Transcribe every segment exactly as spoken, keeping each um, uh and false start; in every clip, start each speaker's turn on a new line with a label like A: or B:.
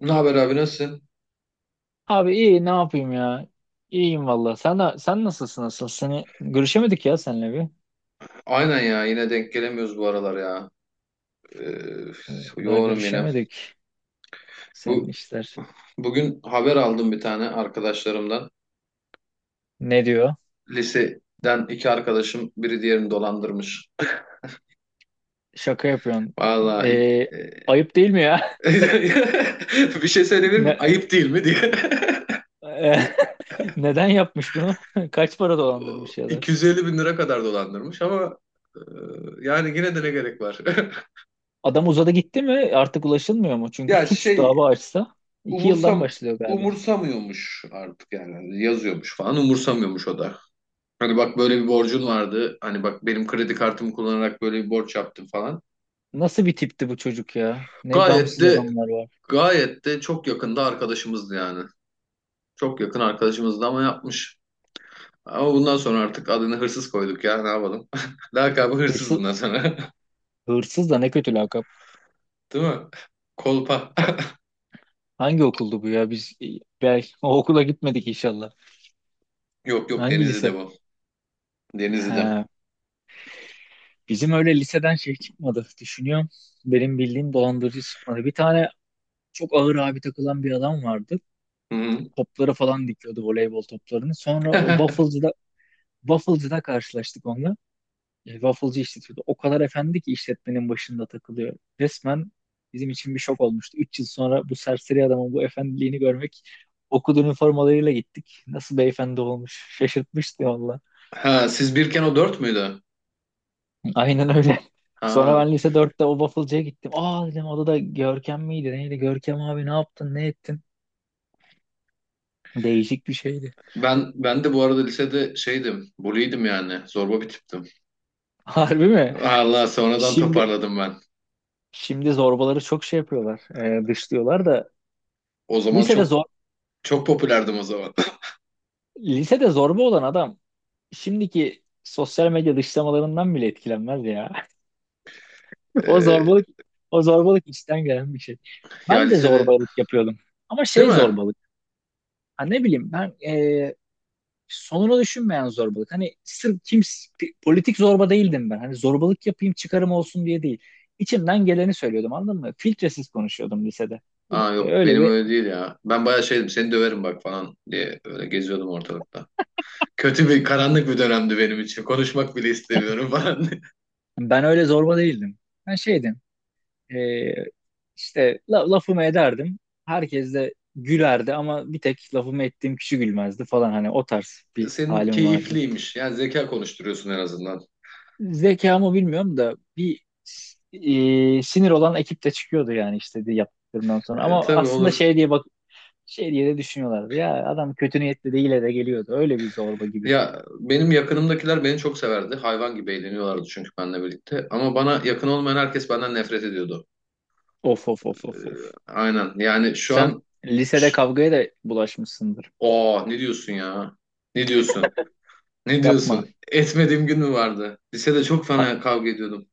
A: Ne haber abi nasılsın?
B: Abi iyi ne yapayım ya? İyiyim valla. Sen de- sen nasılsın asıl? Seni görüşemedik ya seninle bir.
A: Aynen ya yine denk gelemiyoruz bu aralar ya. Ee,
B: Daha
A: yoğunum yine.
B: görüşemedik.
A: Bu
B: Senin işler.
A: bugün haber aldım bir tane arkadaşlarımdan.
B: Ne diyor?
A: Liseden iki arkadaşım biri diğerini dolandırmış.
B: Şaka yapıyorsun.
A: Vallahi
B: Ee,
A: e,
B: Ayıp değil mi ya?
A: bir şey söyleyebilir miyim? Ayıp değil mi diye.
B: Ne, neden yapmış bunu? Kaç para dolandırmış ya da?
A: 250 bin lira kadar dolandırmış ama e, yani yine de ne gerek var?
B: Adam uzadı gitti mi? Artık ulaşılmıyor mu? Çünkü
A: Ya
B: suç
A: şey
B: dava açsa iki yıldan
A: umursam
B: başlıyor galiba.
A: umursamıyormuş artık yani. Hani yazıyormuş falan umursamıyormuş o da. Hani bak böyle bir borcun vardı. Hani bak benim kredi kartımı kullanarak böyle bir borç yaptım falan.
B: Nasıl bir tipti bu çocuk ya? Ne
A: Gayet
B: gamsız
A: de
B: adamlar var.
A: gayet de çok yakında arkadaşımızdı yani. Çok yakın arkadaşımızdı ama yapmış. Ama bundan sonra artık adını hırsız koyduk ya, ne yapalım. Lakabı hırsız
B: Hırsız,
A: bundan sonra.
B: Hırsız da ne kötü lakap.
A: Değil mi? Kolpa.
B: Hangi okuldu bu ya? Biz e, belki o okula gitmedik inşallah.
A: Yok, yok,
B: Hangi
A: Denizli'de
B: lise?
A: bu. Denizli'de.
B: Ha, bizim öyle liseden şey çıkmadı. Düşünüyorum. Benim bildiğim dolandırıcı çıkmadı. Bir tane çok ağır abi takılan bir adam vardı.
A: Hı hı.
B: Topları falan dikiyordu, voleybol toplarını. Sonra o Waffle'cıda Waffle'cıda karşılaştık onunla. E, wafflecı işletiyordu. O kadar efendi ki işletmenin başında takılıyor. Resmen bizim için bir şok olmuştu. Üç yıl sonra bu serseri adamın bu efendiliğini görmek, okul üniformalarıyla gittik. Nasıl beyefendi olmuş. Şaşırtmıştı valla.
A: Ha, siz birken o dört müydü?
B: Aynen öyle. Sonra
A: Ha.
B: ben lise dörtte o wafflecıya gittim. Aa dedim, o da Görkem miydi neydi? Görkem abi ne yaptın ne ettin? Değişik bir şeydi.
A: Ben ben de bu arada lisede şeydim, bully'ydim yani. Zorba bir tiptim.
B: Harbi mi?
A: Allah, sonradan
B: Şimdi
A: toparladım ben.
B: Şimdi zorbaları çok şey yapıyorlar. E, dışlıyorlar da
A: O zaman
B: lisede
A: çok
B: zor
A: çok popülerdim o zaman.
B: lisede zorba olan adam şimdiki sosyal medya dışlamalarından bile etkilenmez ya. O
A: Ee,
B: zorbalık O zorbalık içten gelen bir şey.
A: ya
B: Ben de
A: lisede,
B: zorbalık yapıyordum. Ama
A: değil
B: şey
A: mi?
B: zorbalık. Ha ne bileyim ben, e, sonunu düşünmeyen zorbalık. Hani sırf kim, politik zorba değildim ben. Hani zorbalık yapayım çıkarım olsun diye değil. İçimden geleni söylüyordum, anladın mı? Filtresiz konuşuyordum lisede.
A: Aa, yok,
B: Öyle
A: benim
B: bir
A: öyle değil ya. Ben bayağı şeydim, seni döverim bak falan diye öyle geziyordum ortalıkta. Kötü bir, karanlık bir dönemdi benim için. Konuşmak bile istemiyorum falan.
B: Ben öyle zorba değildim. Ben şeydim. Ee, işte la- lafımı ederdim. Herkes de gülerdi ama bir tek lafımı ettiğim kişi gülmezdi falan, hani o tarz bir
A: Senin
B: halim vardı.
A: keyifliymiş. Yani zeka konuşturuyorsun en azından.
B: Zekamı bilmiyorum da bir e, sinir olan ekip de çıkıyordu yani, işte de yaptıklarından sonra.
A: Ee,
B: Ama
A: tabii
B: aslında
A: olur.
B: şey diye bak, şey diye de düşünüyorlardı. Ya adam kötü niyetli değil de geliyordu. Öyle bir zorba gibi.
A: Ya benim yakınımdakiler beni çok severdi. Hayvan gibi eğleniyorlardı çünkü benimle birlikte. Ama bana yakın olmayan herkes benden nefret ediyordu.
B: Of of of
A: Ee,
B: of of.
A: aynen. Yani şu
B: Sen
A: an.
B: lisede
A: Ş-
B: kavgaya da bulaşmışsındır.
A: Oo, ne diyorsun ya? Ne diyorsun? Ne
B: Yapma.
A: diyorsun? Etmediğim gün mü vardı? Lisede çok
B: Ha,
A: fena kavga ediyordum.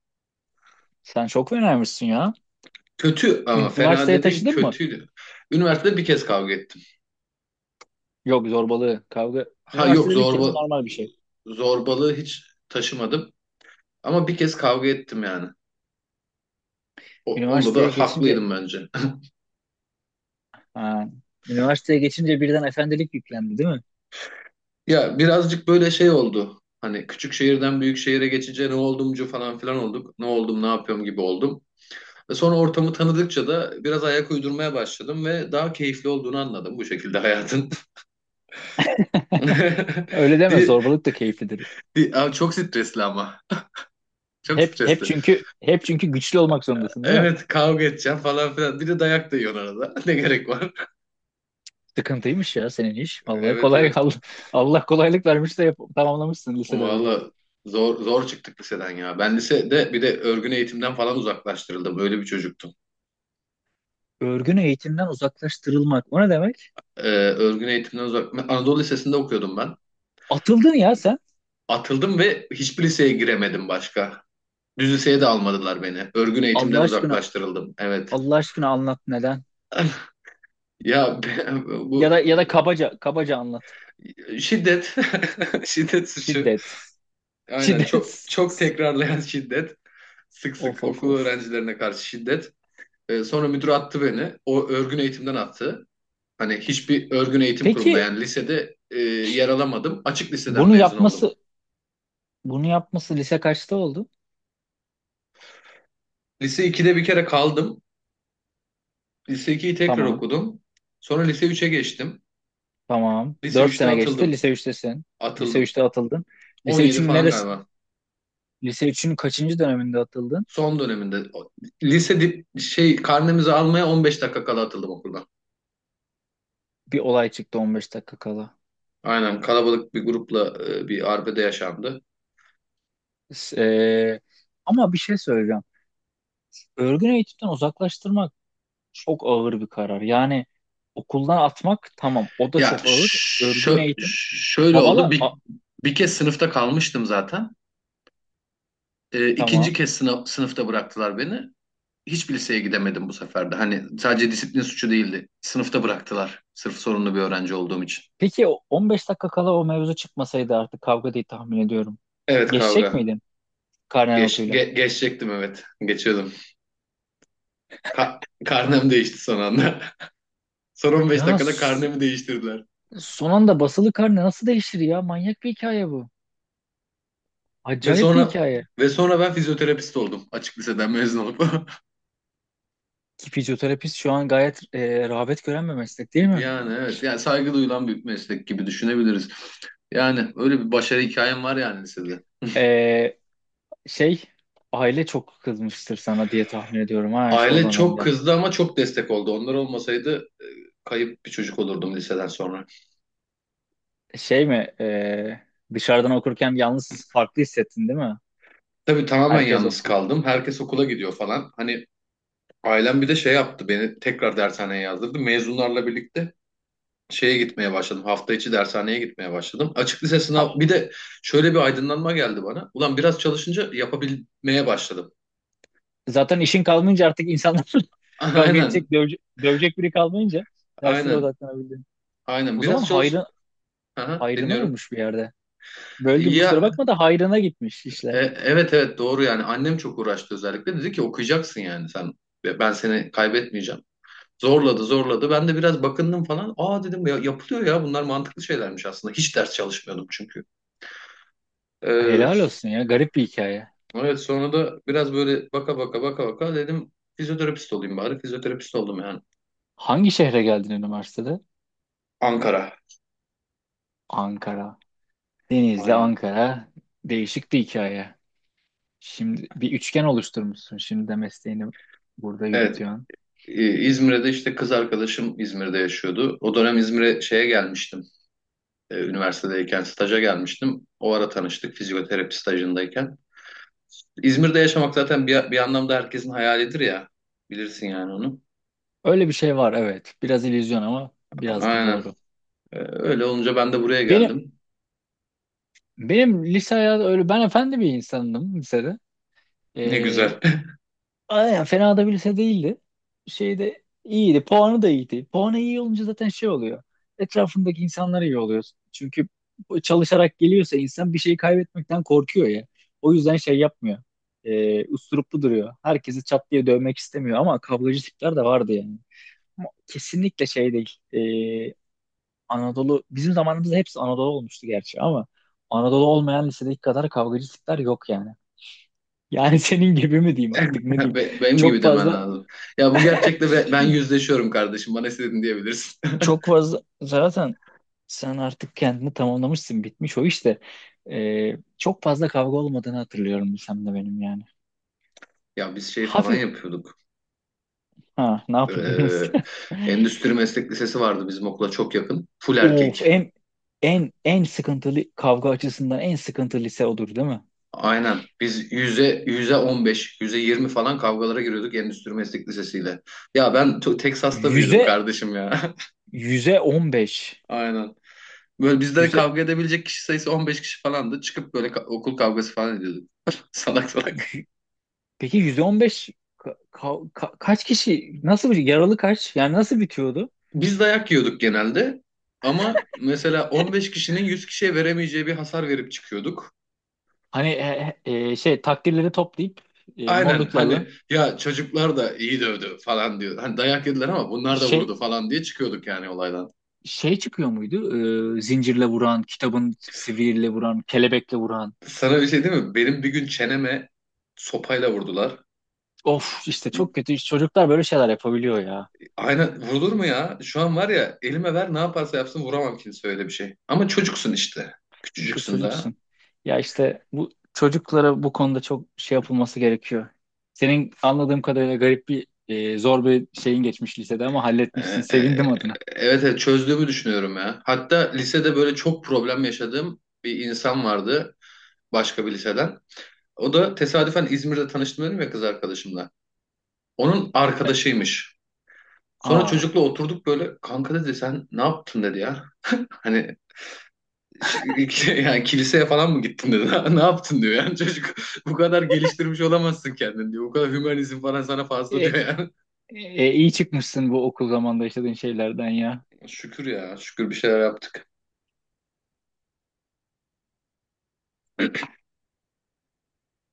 B: sen çok fenaymışsın ya.
A: Kötü ama, fena
B: Üniversiteye
A: dedin,
B: taşıdın mı?
A: kötüydü. Üniversitede bir kez kavga ettim.
B: Yok zorbalığı, kavga.
A: Ha, yok,
B: Üniversitede bir kez
A: zorba
B: normal bir şey.
A: zorbalığı hiç taşımadım. Ama bir kez kavga ettim yani. O- onda da
B: Üniversiteye geçince
A: haklıydım bence.
B: ha, Üniversiteye geçince birden efendilik yüklendi değil mi?
A: Ya birazcık böyle şey oldu. Hani küçük şehirden büyük şehire geçince ne oldumcu falan filan olduk. Ne oldum, ne yapıyorum gibi oldum. Ve sonra ortamı tanıdıkça da biraz ayak uydurmaya başladım ve daha keyifli olduğunu anladım bu şekilde hayatın.
B: Öyle deme,
A: Di,
B: zorbalık da keyiflidir.
A: di, Aa, çok stresli ama. Çok
B: Hep hep
A: stresli.
B: çünkü hep çünkü güçlü olmak zorundasın değil mi?
A: Evet, kavga edeceğim falan filan. Bir de dayak da yiyorsun arada. Ne gerek var?
B: Sıkıntıymış ya senin iş. Allah
A: Evet,
B: kolay
A: evet.
B: Allah, Allah kolaylık vermiş de yap- tamamlamışsın lisede örgün.
A: Valla zor zor çıktık liseden ya. Ben lisede bir de örgün eğitimden falan uzaklaştırıldım. Öyle bir çocuktum.
B: Örgün eğitimden uzaklaştırılmak. O ne demek?
A: e, örgün eğitimden uzak. Ben Anadolu Lisesi'nde okuyordum ben.
B: Atıldın ya sen.
A: Atıldım ve hiçbir liseye giremedim başka. Düz liseye de almadılar beni. Örgün eğitimden
B: Allah aşkına,
A: uzaklaştırıldım. Evet.
B: Allah aşkına anlat, neden?
A: Ya be- bu
B: Ya da ya da kabaca kabaca anlat.
A: şiddet, şiddet suçu.
B: Şiddet.
A: Aynen, çok
B: Şiddet.
A: çok tekrarlayan şiddet. Sık
B: Of
A: sık
B: of
A: okul
B: of.
A: öğrencilerine karşı şiddet. Ee, sonra müdür attı beni. O, örgün eğitimden attı. Hani hiçbir örgün eğitim kurumunda,
B: Peki
A: yani lisede e, yer alamadım. Açık liseden
B: bunu
A: mezun oldum.
B: yapması bunu yapması lise kaçta oldu?
A: Lise ikide bir kere kaldım. Lise ikiyi tekrar
B: Tamam.
A: okudum. Sonra lise üç'e geçtim.
B: Tamam.
A: Lise
B: Dört
A: üç'te
B: sene geçti.
A: atıldım.
B: Lise üçtesin. Lise
A: Atıldım.
B: üçte atıldın. Lise
A: on yedi
B: üçün
A: falan
B: neresi?
A: galiba.
B: Lise üçün kaçıncı döneminde atıldın?
A: Son döneminde. O- Lise dip, şey karnemizi almaya on beş dakika kala atıldım okuldan.
B: Bir olay çıktı on beş dakika kala.
A: Aynen, kalabalık bir grupla e, bir arbede yaşandı.
B: S- eee, Ama bir şey söyleyeceğim. Örgün eğitimden uzaklaştırmak çok ağır bir karar. Yani okuldan atmak tamam. O da
A: Ya
B: çok ağır. Örgün
A: şö-
B: eğitim.
A: şöyle oldu.
B: Babala a-
A: Bir, bir kez sınıfta kalmıştım zaten. E, ikinci
B: tamam.
A: kez sınıf, sınıfta bıraktılar beni. Hiçbir liseye gidemedim bu sefer de. Hani sadece disiplin suçu değildi. Sınıfta bıraktılar. Sırf sorunlu bir öğrenci olduğum için.
B: Peki o on beş dakika kala o mevzu çıkmasaydı, artık kavga diye tahmin ediyorum.
A: Evet,
B: Geçecek
A: kavga.
B: miydin karne
A: Geç,
B: notuyla?
A: ge- geçecektim evet. Geçiyordum. Ka- karnem değişti son anda. Son on beş
B: Ya
A: dakikada
B: s-
A: karnemi değiştirdiler.
B: Son anda basılı karne nasıl değişir ya? Manyak bir hikaye bu.
A: Ve
B: Acayip bir
A: sonra
B: hikaye.
A: ve sonra ben fizyoterapist oldum açık liseden mezun olup.
B: Ki fizyoterapist şu an gayet e, rağbet gören bir meslek değil mi?
A: Yani evet, yani saygı duyulan bir meslek gibi düşünebiliriz. Yani öyle bir başarı hikayem var yani lisede.
B: E, şey Aile çok kızmıştır sana diye tahmin ediyorum ha, şu- o
A: Aile çok
B: dönemde.
A: kızdı ama çok destek oldu. Onlar olmasaydı kayıp bir çocuk olurdum liseden sonra.
B: Şey mi, e, dışarıdan okurken yalnız farklı hissettin değil mi?
A: Tabii, tamamen
B: Herkes
A: yalnız
B: okul.
A: kaldım. Herkes okula gidiyor falan. Hani ailem bir de şey yaptı, beni tekrar dershaneye yazdırdı. Mezunlarla birlikte şeye gitmeye başladım. Hafta içi dershaneye gitmeye başladım. Açık lise sınav bir de şöyle bir aydınlanma geldi bana. Ulan, biraz çalışınca yapabilmeye başladım.
B: Zaten işin kalmayınca artık insanlar, kavga
A: Aynen.
B: edecek, dövecek, dövecek biri kalmayınca derslere
A: Aynen.
B: odaklanabildim.
A: Aynen.
B: O zaman
A: Biraz çalış.
B: hayrı,
A: Aha,
B: hayrına
A: dinliyorum.
B: olmuş bir yerde. Böldüm kusura
A: Ya
B: bakma da hayrına gitmiş
A: e,
B: işler.
A: evet, evet, doğru yani, annem çok uğraştı, özellikle dedi ki okuyacaksın yani sen. Ve ben seni kaybetmeyeceğim. Zorladı zorladı, ben de biraz bakındım falan. Aa dedim, ya yapılıyor, ya bunlar mantıklı şeylermiş aslında. Hiç ders çalışmıyordum çünkü. Ee,
B: Helal olsun ya, garip bir hikaye.
A: Evet, sonra da biraz böyle baka baka baka baka dedim, fizyoterapist olayım bari. Fizyoterapist oldum yani.
B: Hangi şehre geldin üniversitede?
A: Ankara.
B: Ankara. Denizli,
A: Aynen.
B: Ankara. Değişik bir hikaye. Şimdi bir üçgen oluşturmuşsun. Şimdi de mesleğini burada
A: Evet.
B: yürütüyorsun.
A: e, İzmir'de işte, kız arkadaşım İzmir'de yaşıyordu. O dönem İzmir'e şeye gelmiştim. E, Üniversitedeyken staja gelmiştim. O ara tanıştık, fizyoterapi stajındayken. İzmir'de yaşamak zaten bir, bir anlamda herkesin hayalidir ya. Bilirsin yani onu.
B: Öyle bir şey var evet. Biraz illüzyon ama biraz da
A: Aynen.
B: doğru.
A: E, Öyle olunca ben de buraya
B: Benim
A: geldim.
B: benim lise hayatı öyle, ben efendi bir insandım lisede.
A: Ne
B: Ee,
A: güzel.
B: aynen fena da bir lise değildi. Şeyde iyiydi. Puanı da iyiydi. Puanı iyi olunca zaten şey oluyor. Etrafındaki insanlar iyi oluyor. Çünkü çalışarak geliyorsa insan, bir şeyi kaybetmekten korkuyor ya. O yüzden şey yapmıyor. Ee, usturuplu duruyor. Herkesi çat diye dövmek istemiyor ama kavgacı tipler de vardı yani. Ama kesinlikle şey değil. Ee, Anadolu bizim zamanımızda hepsi Anadolu olmuştu gerçi ama Anadolu olmayan lisedeki kadar kavgacı tipler yok yani. Yani senin gibi mi diyeyim artık, ne diyeyim?
A: Be- Benim
B: Çok
A: gibi demen
B: fazla
A: lazım. Ya bu gerçekle be- ben yüzleşiyorum kardeşim. Bana istediğini diyebilirsin.
B: Çok fazla zaten sen artık kendini tamamlamışsın, bitmiş o işte. Ee, çok fazla kavga olmadığını hatırlıyorum sen de benim yani.
A: Ya biz şey falan
B: Hafif
A: yapıyorduk.
B: ha, ne yapıyordunuz?
A: Ee, Endüstri Meslek Lisesi vardı bizim okula çok yakın. Full
B: Of,
A: erkek.
B: en en en sıkıntılı, kavga açısından en sıkıntılı lise odur değil mi?
A: Aynen. Biz yüze, yüze on beş, yüze yirmi falan kavgalara giriyorduk Endüstri Meslek Lisesi'yle. Ya ben to- Texas'ta büyüdüm
B: Yüze
A: kardeşim ya.
B: yüze on beş
A: Aynen. Böyle bizden
B: Yüze
A: kavga edebilecek kişi sayısı on beş kişi falandı. Çıkıp böyle ka- okul kavgası falan ediyorduk. Salak salak.
B: yü- Peki yüze on beş, ka- ka- ka- kaç kişi, nasıl bir yaralı kaç? Yani nasıl bitiyordu?
A: Biz dayak yiyorduk genelde ama mesela on beş kişinin yüz kişiye veremeyeceği bir hasar verip çıkıyorduk.
B: Hani, e, e, şey takdirleri toplayıp, e,
A: Aynen,
B: morluklarla
A: hani ya çocuklar da iyi dövdü falan diyor. Hani dayak yediler ama bunlar da
B: şey
A: vurdu falan diye çıkıyorduk yani olaydan.
B: şey çıkıyor muydu? E, zincirle vuran, kitabın sivriyle vuran, kelebekle vuran.
A: Sana bir şey değil mi? Benim bir gün çeneme sopayla vurdular.
B: Of işte çok kötü. İşte çocuklar böyle şeyler yapabiliyor ya.
A: Aynen, vurulur mu ya? Şu an var ya, elime ver, ne yaparsa yapsın vuramam kimse öyle bir şey. Ama çocuksun işte.
B: İşte
A: Küçücüksün daha.
B: çocuksun. Ya işte bu çocuklara bu konuda çok şey yapılması gerekiyor. Senin anladığım kadarıyla garip bir, e, zor bir şeyin geçmiş lisede ama
A: Ee,
B: halletmişsin.
A: e,
B: Sevindim adına.
A: Evet, evet, çözdüğümü düşünüyorum ya. Hatta lisede böyle çok problem yaşadığım bir insan vardı, başka bir liseden. O da tesadüfen İzmir'de tanıştım, dedim ya, kız arkadaşımla. Onun arkadaşıymış. Sonra
B: Aa.
A: çocukla oturduk böyle, kanka dedi, sen ne yaptın dedi ya. Hani ş- yani kiliseye falan mı gittin dedi. Ne yaptın diyor yani çocuk. Bu kadar geliştirmiş olamazsın kendini diyor. Bu kadar hümanizm falan sana fazla diyor
B: E,
A: yani.
B: e, iyi çıkmışsın bu okul zamanında yaşadığın şeylerden ya.
A: Şükür ya, şükür bir şeyler yaptık.